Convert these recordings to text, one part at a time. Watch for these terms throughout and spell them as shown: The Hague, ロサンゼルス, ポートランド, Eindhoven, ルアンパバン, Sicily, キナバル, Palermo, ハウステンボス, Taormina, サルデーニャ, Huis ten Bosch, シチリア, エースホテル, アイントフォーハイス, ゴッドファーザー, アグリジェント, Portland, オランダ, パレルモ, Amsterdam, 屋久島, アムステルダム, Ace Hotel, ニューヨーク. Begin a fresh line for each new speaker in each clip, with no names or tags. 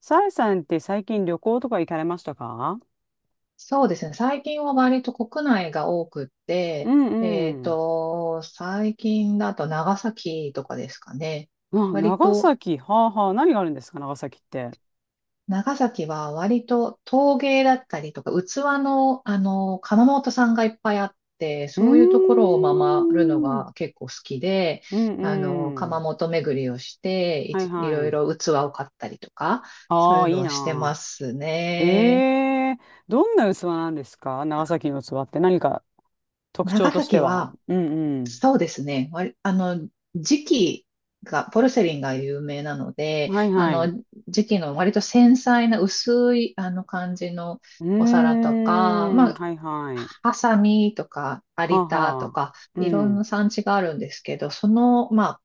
さえさんって最近旅行とか行かれましたか？
そうですね。最近は割と国内が多くっ
う
て、
んうん。
最近だと長崎とかですかね。
あ、
割
長
と、
崎。はあはあ。何があるんですか、長崎って。
長崎は割と陶芸だったりとか、器の、窯元さんがいっぱいあって、
う
そういうところを回るの
ーん。
が結構好きで、
うんう
窯
ん。
元巡りをして、
はい
い
は
ろい
い。
ろ器を買ったりとか、そう
あ
い
あ、
うの
いい
はして
なあ。
ます
え
ね。
え、どんな器なんですか、長崎の器って。何か特徴
長
として
崎
は。
は、
うん
そうですね。わりあの、磁器が、ポルセリンが有名なの
う
で、
ん。はいはい。う
磁器の割と繊細な薄い、感じのお皿
ー
とか、
ん。はいはい。
ハサミとか、
は
有
あ
田
は
とか、
あ。う
いろん
ん。
な産地があるんですけど、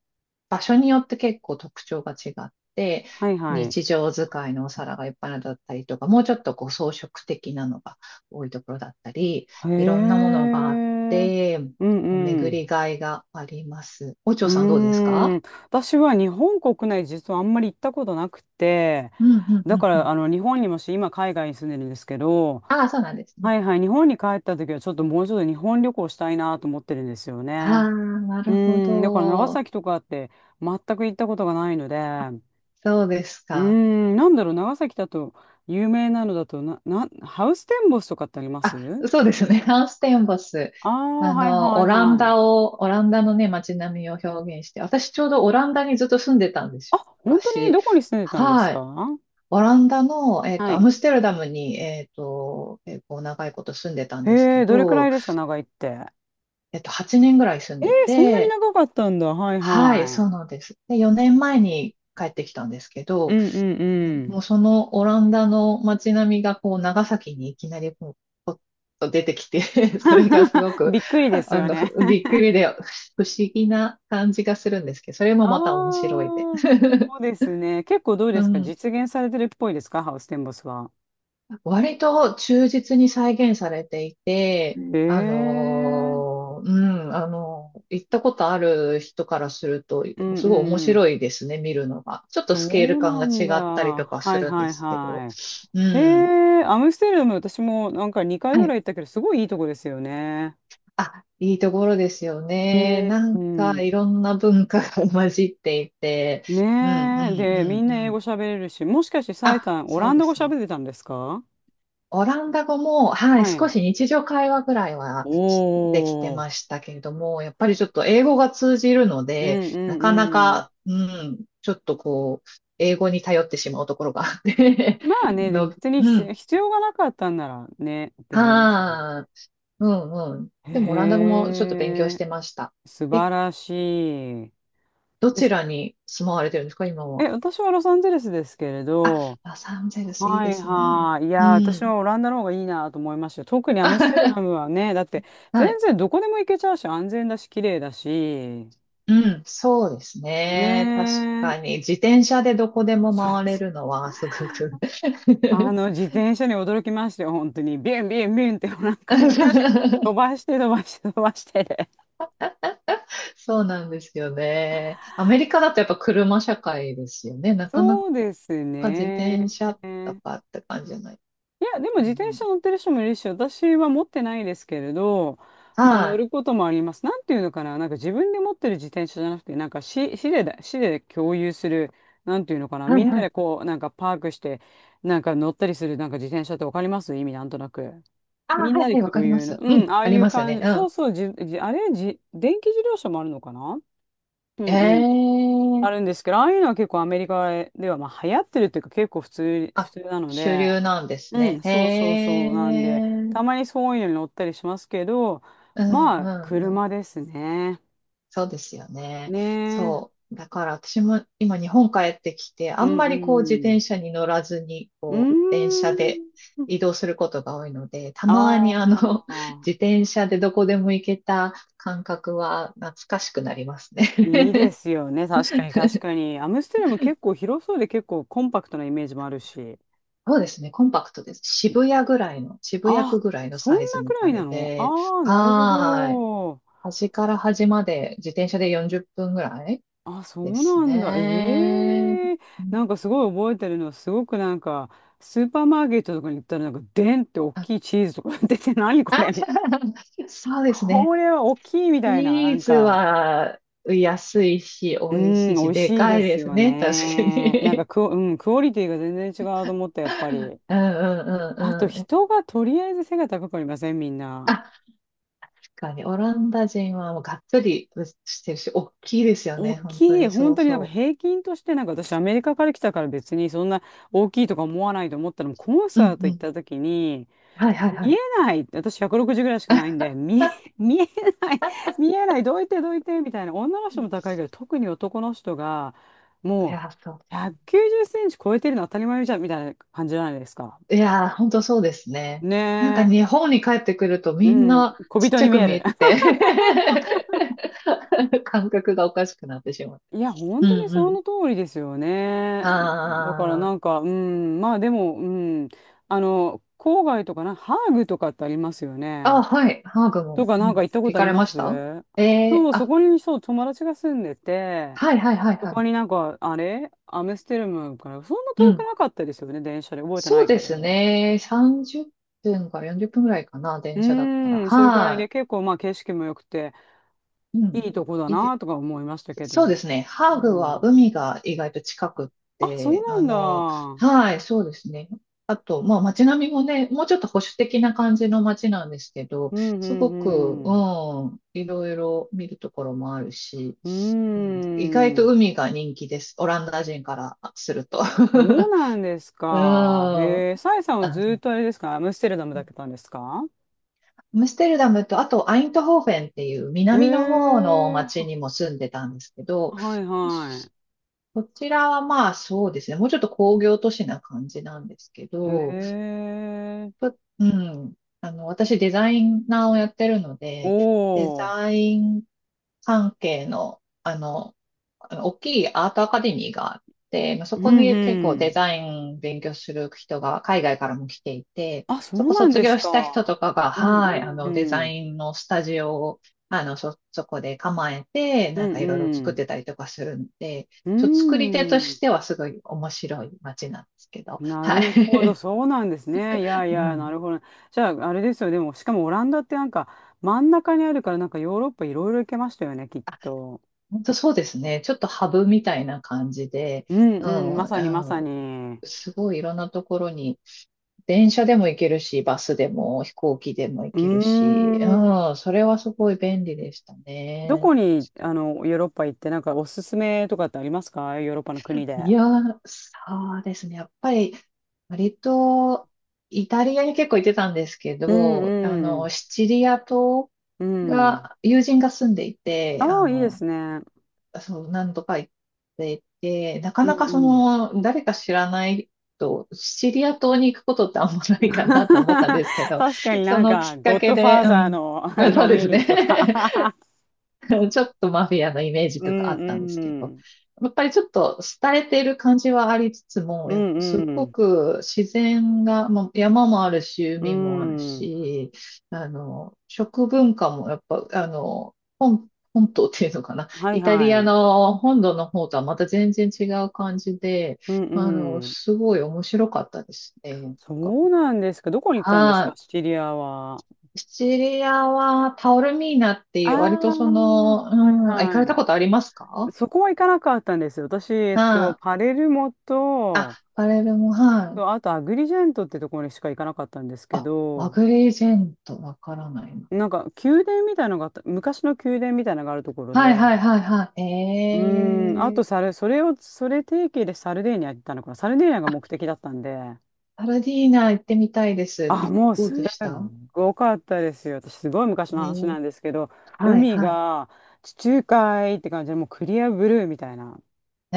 場所によって結構特徴が違って、
はいはい。
日常使いのお皿がいっぱいのだったりとか、もうちょっとこう装飾的なのが多いところだったり、
へ
いろんなものがあっ
え。
て、
うんう
巡
ん。
りがいがあります。お嬢
う
さんどうです
ー
か？
ん、私は日本国内実はあんまり行ったことなくて、
うんうんう
だか
んう
ら
ん。
あの、日本にもし今海外に住んでるんですけど、
ああ、そうなんです
は
ね。
いはい、日本に帰った時はちょっともうちょっと日本旅行したいなと思ってるんですよ
あ
ね。
あ、な
う
るほ
ーん、だから長
ど。
崎とかって全く行ったことがないので、
そうです
うー
か。
ん、なんだろう、長崎だと有名なのだとハウステンボスとかってあります
あ、そうですね。ハウステンボス。
ああー、はいはいはい。
オランダのね、街並みを表現して、私ちょうどオランダにずっと住んでたんです
あ、
よ。
本当に、
昔。
どこに住んでたんです
はい。
か？
オランダの、
は
ア
い。
ムステルダムに、結構長いこと住んでたんです
へ
け
え、どれくら
ど、
いですか、長いって。
8年ぐらい住ん
え
で
ー、そんなに
て、
長かったんだ。はい
はい、
は
そうなんです。で、4年前に帰ってきたんですけ
い。う
ど、
んうん
ね
う
もう
ん。
そのオランダの街並みがこう長崎にいきなりこうポッと出てきて それがすご く
びっくりです
あ
よ
の
ね。
びっくりで不思議な感じがするんですけど、それ も
あ
また面白
あ、
いで。
そうですね。結構どうで
う
すか、
ん、
実現されてるっぽいですか、ハウステンボスは。
割と忠実に再現されてい
う
て、
ん
あ
へえ。
のーう行ったことある人からすると、
うん
すごい面
うん。
白いですね、見るのが。ちょっとスケール
そう
感
な
が
ん
違
だ。
ったりとか
は
す
い
るん
は
で
い
すけど。
は
う
い。へ
ん。
え、アムステルダム、私もなんか2回
は
ぐら
い。
い行ったけど、すごいいいとこですよね。
あ、いいところですよ
う
ね。
ん
な
う
んか
ん。
いろんな文化が 混じっていて。うんうん
ねえ。
う
で、みん
ん
な
う
英
ん。
語喋れるし、もしかしてサイ
あ、
さん、オ
そ
ラ
う
ン
で
ダ語
すね。
喋ってたんですか？
オランダ語も、はい、
は
少
い。
し日常会話ぐらいはしできて
おお、
ましたけれども、やっぱりちょっと英語が通じるの
うん
で、
う
なかな
んうん。
か、うん、ちょっとこう、英語に頼ってしまうところがあって
まあ ね、でも
の、
別に
うん、
必要がなかったんならね、って言いますよね。
はあ、うんうん。でもオランダ語もちょっと勉強
へ
し
え、
てました。
素
え、
晴らしい。
ど
で
ち
す。
らに住まわれてるんですか、今
え、
は。
私はロサンゼルスですけれ
あ、
ど、
ロサンゼルスいい
は
で
い
すね。
はい。い
う
やー、私
ん。
はオランダの方がいいなと思いましたよ。特にアムステルダム はね、だって全
はい。
然どこでも行けちゃうし、安全だし、綺麗だし、
うん、そうです
ね
ね。確
え、
かに、自転車でどこでも
そう、
回れるのはすごく。
あの自転車に驚きましたよ、本当に。ビュンビュンビュンって、なんかみんなして飛ばして飛ばして飛ばしてで。
そうなんですよね。アメリカだとやっぱ車社会ですよね。なかな
そうです
か自
ね。
転車と
い
かって感じじゃない。
や、でも
うんう
自転
ん、
車乗ってる人もいるし、私は持ってないですけれど、まあ
は
乗る
い。
こともあります。なんていうのかな、なんか自分で持ってる自転車じゃなくて、なんか市で共有する、なんていうのかな、
は
み
い
んな
は
で
い。
こう、なんかパークして、なんか乗ったりする、なんか自転車って、わかります意味なんとなく。
ああ、
みん
は
な
い
で
はい、わか
共
りま
有の。
す。う
うん、
ん、
ああ
あ
い
り
う
ますよ
感
ね。
じ。そう
う
そう、じ、じ、あれ、じ、電気自動車もあるのかな？うんうん。あ
ん。え
る
え、
んですけど、ああいうのは結構アメリカでは、まあ、流行ってるっていうか結構普
あ、
通なの
主
で、
流なんです
う
ね。
ん、
へ
そうそう
え。
そう。なんで、
うん
たまにそういうのに乗ったりしますけど、
うん
まあ、
う
車
ん。
ですね。
そうですよね。
ねえ。
そう。だから私も今日本帰ってきて、あ
う
ん
ん
ま
う
りこう自
ん。
転車に乗らずに、
うー
こう、電車で
ん。
移動することが多いので、た
あ
まに自
あ。
転車でどこでも行けた感覚は懐かしくなります
い
ね。
いですよね。確かに確か に。アムステルも結構広そうで結構コンパクトなイメージもあるし。
そうですね。コンパクトです。渋谷
あ、
区ぐらいの
そんな
サイズ
く
み
らい
た
な
い
の、
で、
ああー、なるほ
はーい。
ど。
端から端まで自転車で40分ぐらい
あ、そ
で
う
す
なんだ。
ね。
ええ、
う
な
ん、
んかすごい覚えてるのは、すごくなんか、スーパーマーケットとかに行ったら、なんか、でんって大
あ、
きいチーズとか出て、何これ
あ。
みたいな。
そ うです
こ
ね。
れは大きいみたいな、な
ビー
ん
ズ
か、
は安いし、
う
美味し
ん、
い
美
し、
味
で
しい
か
で
い
す
です
よ
ね。確か
ね。なんか
に。
クオリティが全然違うと思った、やっぱり。
うんうん
あと、
うんうん。
人がとりあえず背が高くありません、みんな。
あ、確かに、オランダ人はもうがっつりしてるし、大きいですよ
大
ね。本当
きい、
に、
本
そう
当になんか
そ
平均として、なんか私アメリカから来たから別にそんな大きいとか思わないと思ったの、コン
う。う
サー
ん
ト
う
行っ
ん。
た時に
はいはいは
見え
い。
ない、私160ぐらいしかないんで、
あ、
見えない、見えない、どいてどいてみたいな。女の人
い
も高いけど特に男の人がもう
や、そう。
190cm超えてるの当たり前じゃんみたいな感じじゃないですか。
いやー、ほんとそうですね。なんか
ね
日本に帰ってくると
え。う
みん
ん、
な
小
ちっ
人
ち
に
ゃ
見
く
え
見
る。
えて 感覚がおかしくなってしまう。
いや、本
うんう
当にそ
ん。
の通りですよね。
あ
だからな
ー、
んか、うん、まあでも、うん、あの、郊外とかな、ハーグとかってありますよ
あ、
ね。
はい、ハーグ
と
も、
か
う
なん
ん、
か行ったこ
行
とあ
か
り
れ
ま
まし
す？
た？えー、
そう、そ
あ、
こにそう、友達が住んでて、
はいはいはい
そこ
は
になんか、あれアムステルムから、そんな
い。う
遠く
ん。
なかったですよね、電車で。覚えて
そ
な
う
い
で
け
す
ど。
ね。30分から40分ぐらいかな、
う
電車だったら。
ーん、それくらいで
は
結構まあ景色も良くて、
い。う
い
ん。
いとこだ
いいで
なとか思いましたけ
そうで
ど。
すね。ハー
う
グは
ん。
海が意外と近くっ
あ、そう
て、
なんだ。
はい、そうですね。まあ街並みもね、もうちょっと保守的な感じの街なんですけど、
うん、う
すごく、
ん、うん。
うん、いろいろ見るところもあるし、
うー
うん、意外と
ん。
海が人気です。オランダ人からすると。
そうなんです
うん。
か。
あ、
へえ、サイさんは
ア
ずっとあれですか、アムステルダムだけたんですか？
ムステルダムと、あとアイントホーフェンっていう
へ
南の方の
え、
町
は
にも住んでたんですけど、
はいは
こちらはまあそうですね、もうちょっと工業都市な感じなんですけ
い。へ
ど、
え、
ぷうん。私デザイナーをやってるので、デ
おー。
ザイン関係の、大きいアートアカデミーがあって、まあ、そ
う
こ
ん
に結構
う
デ
ん。
ザイン勉強する人が海外からも来ていて、
あ、そ
そ
う
こ
なん
卒
です
業した人と
か。
かが、
うん
はい、
うん
デ
う
ザ
ん。
インのスタジオを、そこで構えて、
う
なん
ん
かいろいろ
う
作っ
ん。
てたりとかするんで、
う
作り手とし
ん。
てはすごい面白い街なんですけど、
な
は
るほど、
い。
そうなんですね。いやい
う
や、な
ん。
るほど。じゃあ、あれですよ。でも、しかもオランダってなんか真ん中にあるから、なんかヨーロッパいろいろ行けましたよね、きっと。
本当そうですね。ちょっとハブみたいな感じで、
うん
う
うん、
ん、
ま
う
さにまさ
ん、
に。
すごいいろんなところに、電車でも行けるし、バスでも飛行機でも行
うー
けるし、
ん。
うん、それはすごい便利でした
ど
ね。
こに、あの、ヨーロッパ行って、なんかおすすめとかってありますか、ヨーロッパの国
い
で。
や、そうですね。やっぱり、割と、イタリアに結構行ってたんですけ
う
ど、
んうん。
シチリア島
うん。
が、友人が住んでいて、
ああ、いいですね。
そう、何度か行っていて、なか
うん
なか
う
そ
ん。
の、誰か知らないと、シチリア島に行くことってあんまないかなと思ったんですけ ど、
確かに
そ
なん
の
か、
きっか
ゴッ
け
ドファ
で、
ー
う
ザー
ん、
のあれ
そ
を
うで
見
す
に行く
ね。
とか。
ちょっとマフィアのイメー ジ
う
とかあ
ん
った
う
んですけど、
ん。
やっぱりちょっと廃れている感じはありつつも、
うん
す
う
ご
ん。
く自然が、まあ山もあるし、
う
海もある
ん。
し、食文化もやっぱ、本島っていうのかな。
はい
イタリ
は
ア
い。
の本土の方とはまた全然違う感じで、
うんうん。
すごい面白かったですね。
そうなんですか。どこに行ったんですか、
はい。
シチリアは。
シチリアはタオルミーナって
あ
いう、割とそ
あ、
の、う
はい
ん、あ、行かれ
は
たこと
い。
ありますか？
そこは行かなかったんですよ。私、えっと、
はい。
パレルモ
あ、
と、
パレルも、はい。
あとアグリジェントってところにしか行かなかったんですけ
あ、マ
ど、
グリージェント、わからないな。
なんか宮殿みたいなのがあった、昔の宮殿みたいなのがあるところ
はい
で、
はいはいはい。
うーん、あ
え
と
ー。
サル、それを、それ提携でサルデーニャ行ったのかな。サルデーニャが
あ、
目的だったんで、
パルディーナ行ってみたいです。
あ、もう
どう
すっ
でした？
ごかったですよ。私、すごい昔
え
の話な
ー、
んですけど、
はい
海
は
が地中海って感じで、もうクリアブルーみたいな。
い。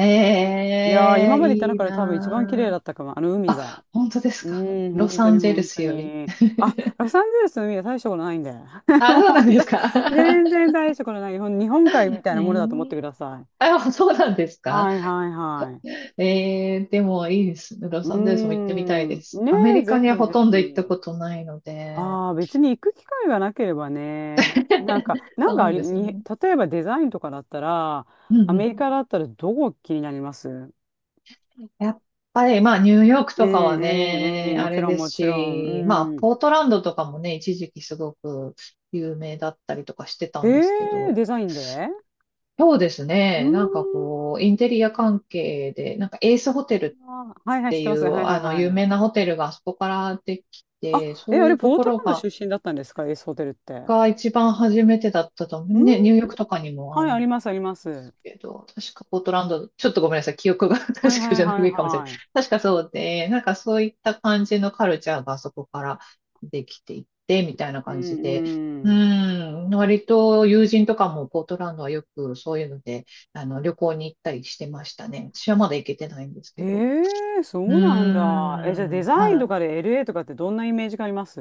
いやー、今
えー、
まで行った
いい
中で多分一番綺麗だ
なー。
ったかも、あの海が。
あ、本当です
う
か？
ーん、
ロ
本当
サ
に
ンゼル
本当
スより。
に。あ、ロサンゼルスの海は大したことないんで。も
あ、
う
そう
本
なんで
当
す
に、
か？
全然大したことない。日本海みた い
え
なものだと思ってく
ー、
ださい。
あ、そうなんですか？
はいはいはい。
えー、でもいいですね。ロ
うー
サンゼルスも行ってみたい
ん。
です。
ね
アメ
え、
リカ
ぜ
には
ひ
ほ
ぜ
とんど行った
ひ。
ことないので。
ああ、別に行く機会がなければね。なんか、な
そ
ん
う
かあ
なん
り、
ですよ
に、
ね。
例えばデザインとかだったら、
う
ア
んうん。
メリカだったらどこ気になります？う
やっぱり、まあ、ニューヨーク
んう
とかは
んう
ね、
ん、も
あ
ち
れ
ろん
です
もちろん。
し、ま
う
あ、
ん。
ポートランドとかもね、一時期すごく有名だったりとかしてた
え
んですけ
え、
ど、
デザインで。
そうです
うー
ね、なんか
ん。
こう、インテリア関係で、なんかエースホテル
あー、はい
っ
はい、知
て
って
い
ます。はい
う、
はい
有
はい。
名なホテルがあそこからでき
あ、
て、
え、
そう
あ
い
れ、
うと
ポー
こ
ト
ろ
ランド
が、
出身だったんですか、エースホテルって。
が一番初めてだったと思
う
う。
ん、
ね、ニューヨークとかにもあ
はい、
る
あ
ん
り
で
ます、あります。は
すけど、確かポートランド、ちょっとごめんなさい、記憶が 確
いはい
か
は
じゃな
い
いかもしれない。
はい。
確かそうで、なんかそういった感じのカルチャーがそこからできていって、みたいな
う
感じ
んう
で、う
ん。
ん、割と友人とかもポートランドはよくそういうので、あの、旅行に行ったりしてましたね。私はまだ行けてないんです
へ
けど。
え、そ
う
うなんだ。え、じゃあデ
ん、
ザイン
は
と
い。
かで LA とかってどんなイメージがあります？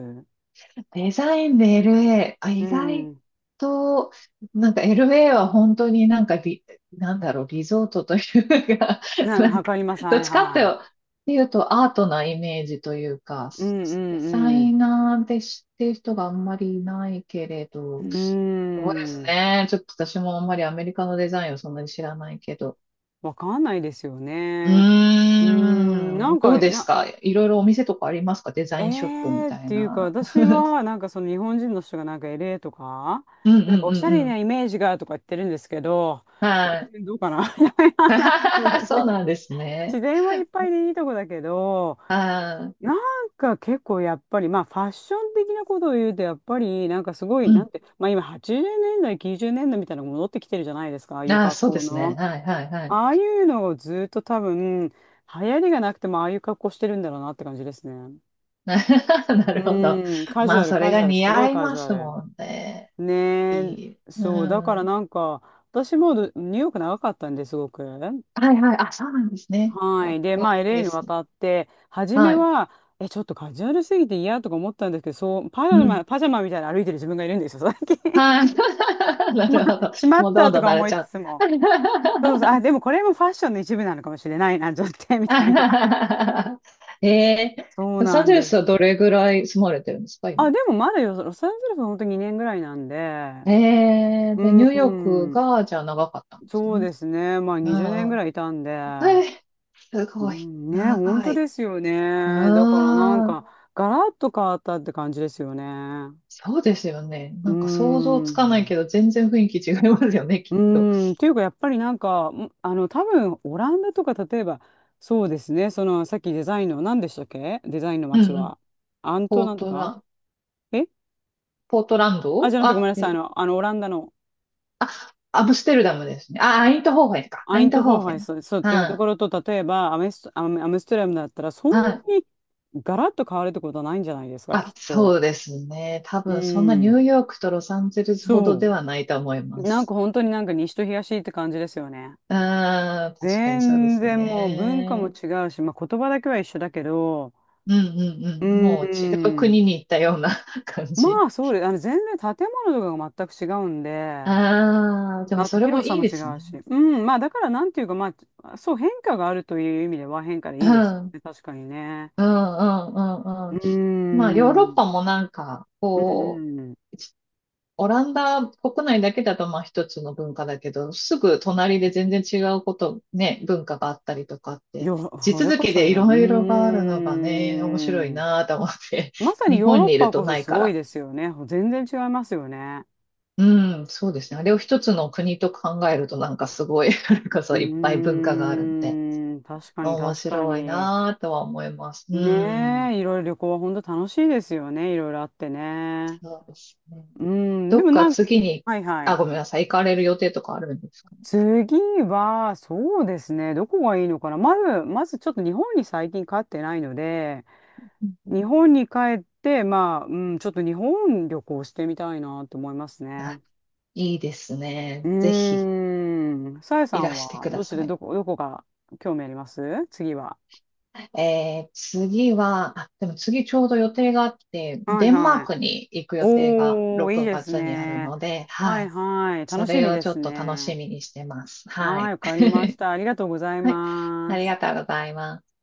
デザインで LA、あ、
う
意外
ん。
と、なんか LA は本当になんかリ、なんだろう、リゾートというか、
な ん
な
か、
ん
わ
か、
かります。は
どっ
い
ちかっ
は
ていうとアートなイメージというか、
い。うんう
デザ
んうん。
イナーで知ってる人があんまりいないけれど、
う
そうで
ー
す
ん。
ね。ちょっと私もあんまりアメリカのデザインをそんなに知らないけど。
わかんないですよ
う
ね。うーん。な
ーん、
ん
どう
か、
です
な、
か、いろいろお店とかありますか、デザ
え
インショップみ
ーっ
たい
ていうか、
な。
私は、なんかその日本人の人がなんか l ーとか、
うんう
なんか
ん
お
う
しゃ
んう
れな
ん。
イメージがとか言ってるんですけど、
はい。
うんどうかな。 いやいや、なんか別
そう
に
なんですね。
自然はいっぱいでいいとこだけど、
ああ、
なんか結構やっぱり、まあファッション的なことを言うと、やっぱりなんかすごい、
う
なん
ん。
て、まあ今80年代、90年代みたいなのが戻ってきてるじゃないですか、ああいう
ああ、
格
そうで
好
すね。
の。
はい、はい、はい。
ああいうのをずっと多分、流行りがなくてもああいう格好してるんだろうなって感じですね。
なるほど。
うん、カジ
ま
ュア
あ、
ル、
それ
カジ
が
ュアル、
似
すごい
合い
カジ
ま
ュア
す
ル。
もんね。
ね
いい。
え、
う
そう、だから
ん。
なんか、私もどニューヨーク長かったんですごく。
はい、はい。あ、そうなんですね。
は
かっ
い。で、
こ
まあ、
いい
LA
で
に
すね。
渡って、初
は
め
い。
は、え、ちょっとカジュアルすぎて嫌とか思ったんですけど、そう、パジ
う
ャ
ん。
マ、パジャマみたいに歩いてる自分がいるんですよ、最近。
は い。なるほど。
しまっ
もうど
た
ん
と
どん
か
慣れ
思
ち
いつ
ゃう。
つも。そうそう、あ、でもこれもファッションの一部なのかもしれないな、ちょっとね、みたいな。
ええ、
そう
ロサ
な
ン
ん
ゼル
で
スは
す。
どれぐらい住まれてるんですか、
あ、
今。
でもまだよ、ロサンゼルスは本当に2年ぐらいなんで、
ええ、
う
で、ニューヨーク
ん。
が、じゃあ長かったんです
そう
ね。
ですね。まあ
う
20年
ん
ぐ
う
らいいたんで、
ん。えー、す
う
ごい。
ん、ね、本
長
当
い。
ですよ
う
ね。だからなん
ーん。
か、ガラッと変わったって感じですよね。
そうですよね。
う
なんか想像
ー
つかない
ん。
けど、全然雰囲気違いますよね、
う
きっと。
ーん。っていうか、やっぱりなんか、多分、オランダとか、例えば、そうですね。その、さっきデザインの、何でしたっけ、デザインの
うん
街
うん。
は。アント
ポ
な
ー
んと
トラ
か
ン、
え
ポートラン
あ、
ド
じゃなくてごめ
あ、
んなさい。あの、オランダの。
アムステルダムですね。あ、アイントホーフェンか。ア
アイ
イン
ント
ト
フ
ホ
ォ
ー
ー
フ
ハ
ェ
イ
ン。
ス、そうっていうと
は
こ
い。
ろと、例えばアメス、アメ、アムステルダムだったら、そん
はい。
なにガラッと変わるってことはないんじゃないですか、き
あ、
っと。
そうですね。多
う
分、そんなニュー
ん。
ヨークとロサンゼルスほどで
そ
はないと思い
う。
ま
なんか
す。
本当になんか西と東って感じですよね。
うーん、確かにそうで
全
す
然もう文化も
ね。
違うし、まあ、言葉だけは一緒だけど、
うんうん
う
うん。もう違う
ーん。
国に行ったような 感
ま
じ。
あそうです。あの全然建物とかが全く違うんで、
ああ、でも
あと
それも
広さ
いい
も
で
違
す
う
ね。
し。うん。まあだからなんていうか、まあ、そう、変化があるという意味では変化で
うん、
いいですよ
うん、
ね。確かにね。
うん、うん、う
う
ん。まあ、ヨー
ー
ロッ
ん。
パもなんか、
うん
こう、
うん。
オランダ国内だけだとまあ一つの文化だけど、すぐ隣で全然違うこと、ね、文化があったりとかって、
よ、
地
それ
続
こ
き
そ
でい
や。うー
ろいろがあるのがね、面白い
ん。
なと思って、
ま さに
日
ヨー
本
ロッ
にいる
パこ
と
そ
ない
す
か
ごい
ら。
ですよね。全然違いますよね。
うん、そうですね。あれを一つの国と考えるとなんかすごい、なん
う
かそういっぱい文化があるんで、
ーん。確かに
面
確か
白い
に。
なとは思います。う
ね
ん。
え、いろいろ旅行は本当楽しいですよね。いろいろあってね。
そうですね。
うん。
ど
で
っ
も
か
なんか、
次に、
はいは
あ、
い。
ごめんなさい、行かれる予定とかあるんですかね。
次は、そうですね。どこがいいのかな。まずちょっと日本に最近帰ってないので、
うん。
日本に帰って、まあ、うん、ちょっと日本旅行してみたいなと思いますね。
あ、いいです
う
ね。ぜひ、
ーん。さえさ
いら
ん
して
は、
く
ど
だ
っち
さ
で、
い。
どこ、どこが興味あります、次は。
次は、あ、でも次ちょうど予定があって、
はい
デンマー
はい。
クに行く予定が
おー、いい
6
です
月にある
ね。
ので、
は
は
い
い。
はい。
そ
楽し
れ
み
を
で
ちょ
す
っと楽し
ね。
みにしてます。は
はい、
い。
わかりまし た。ありがとうござい
はい。
ま
あり
す。
がとうございます。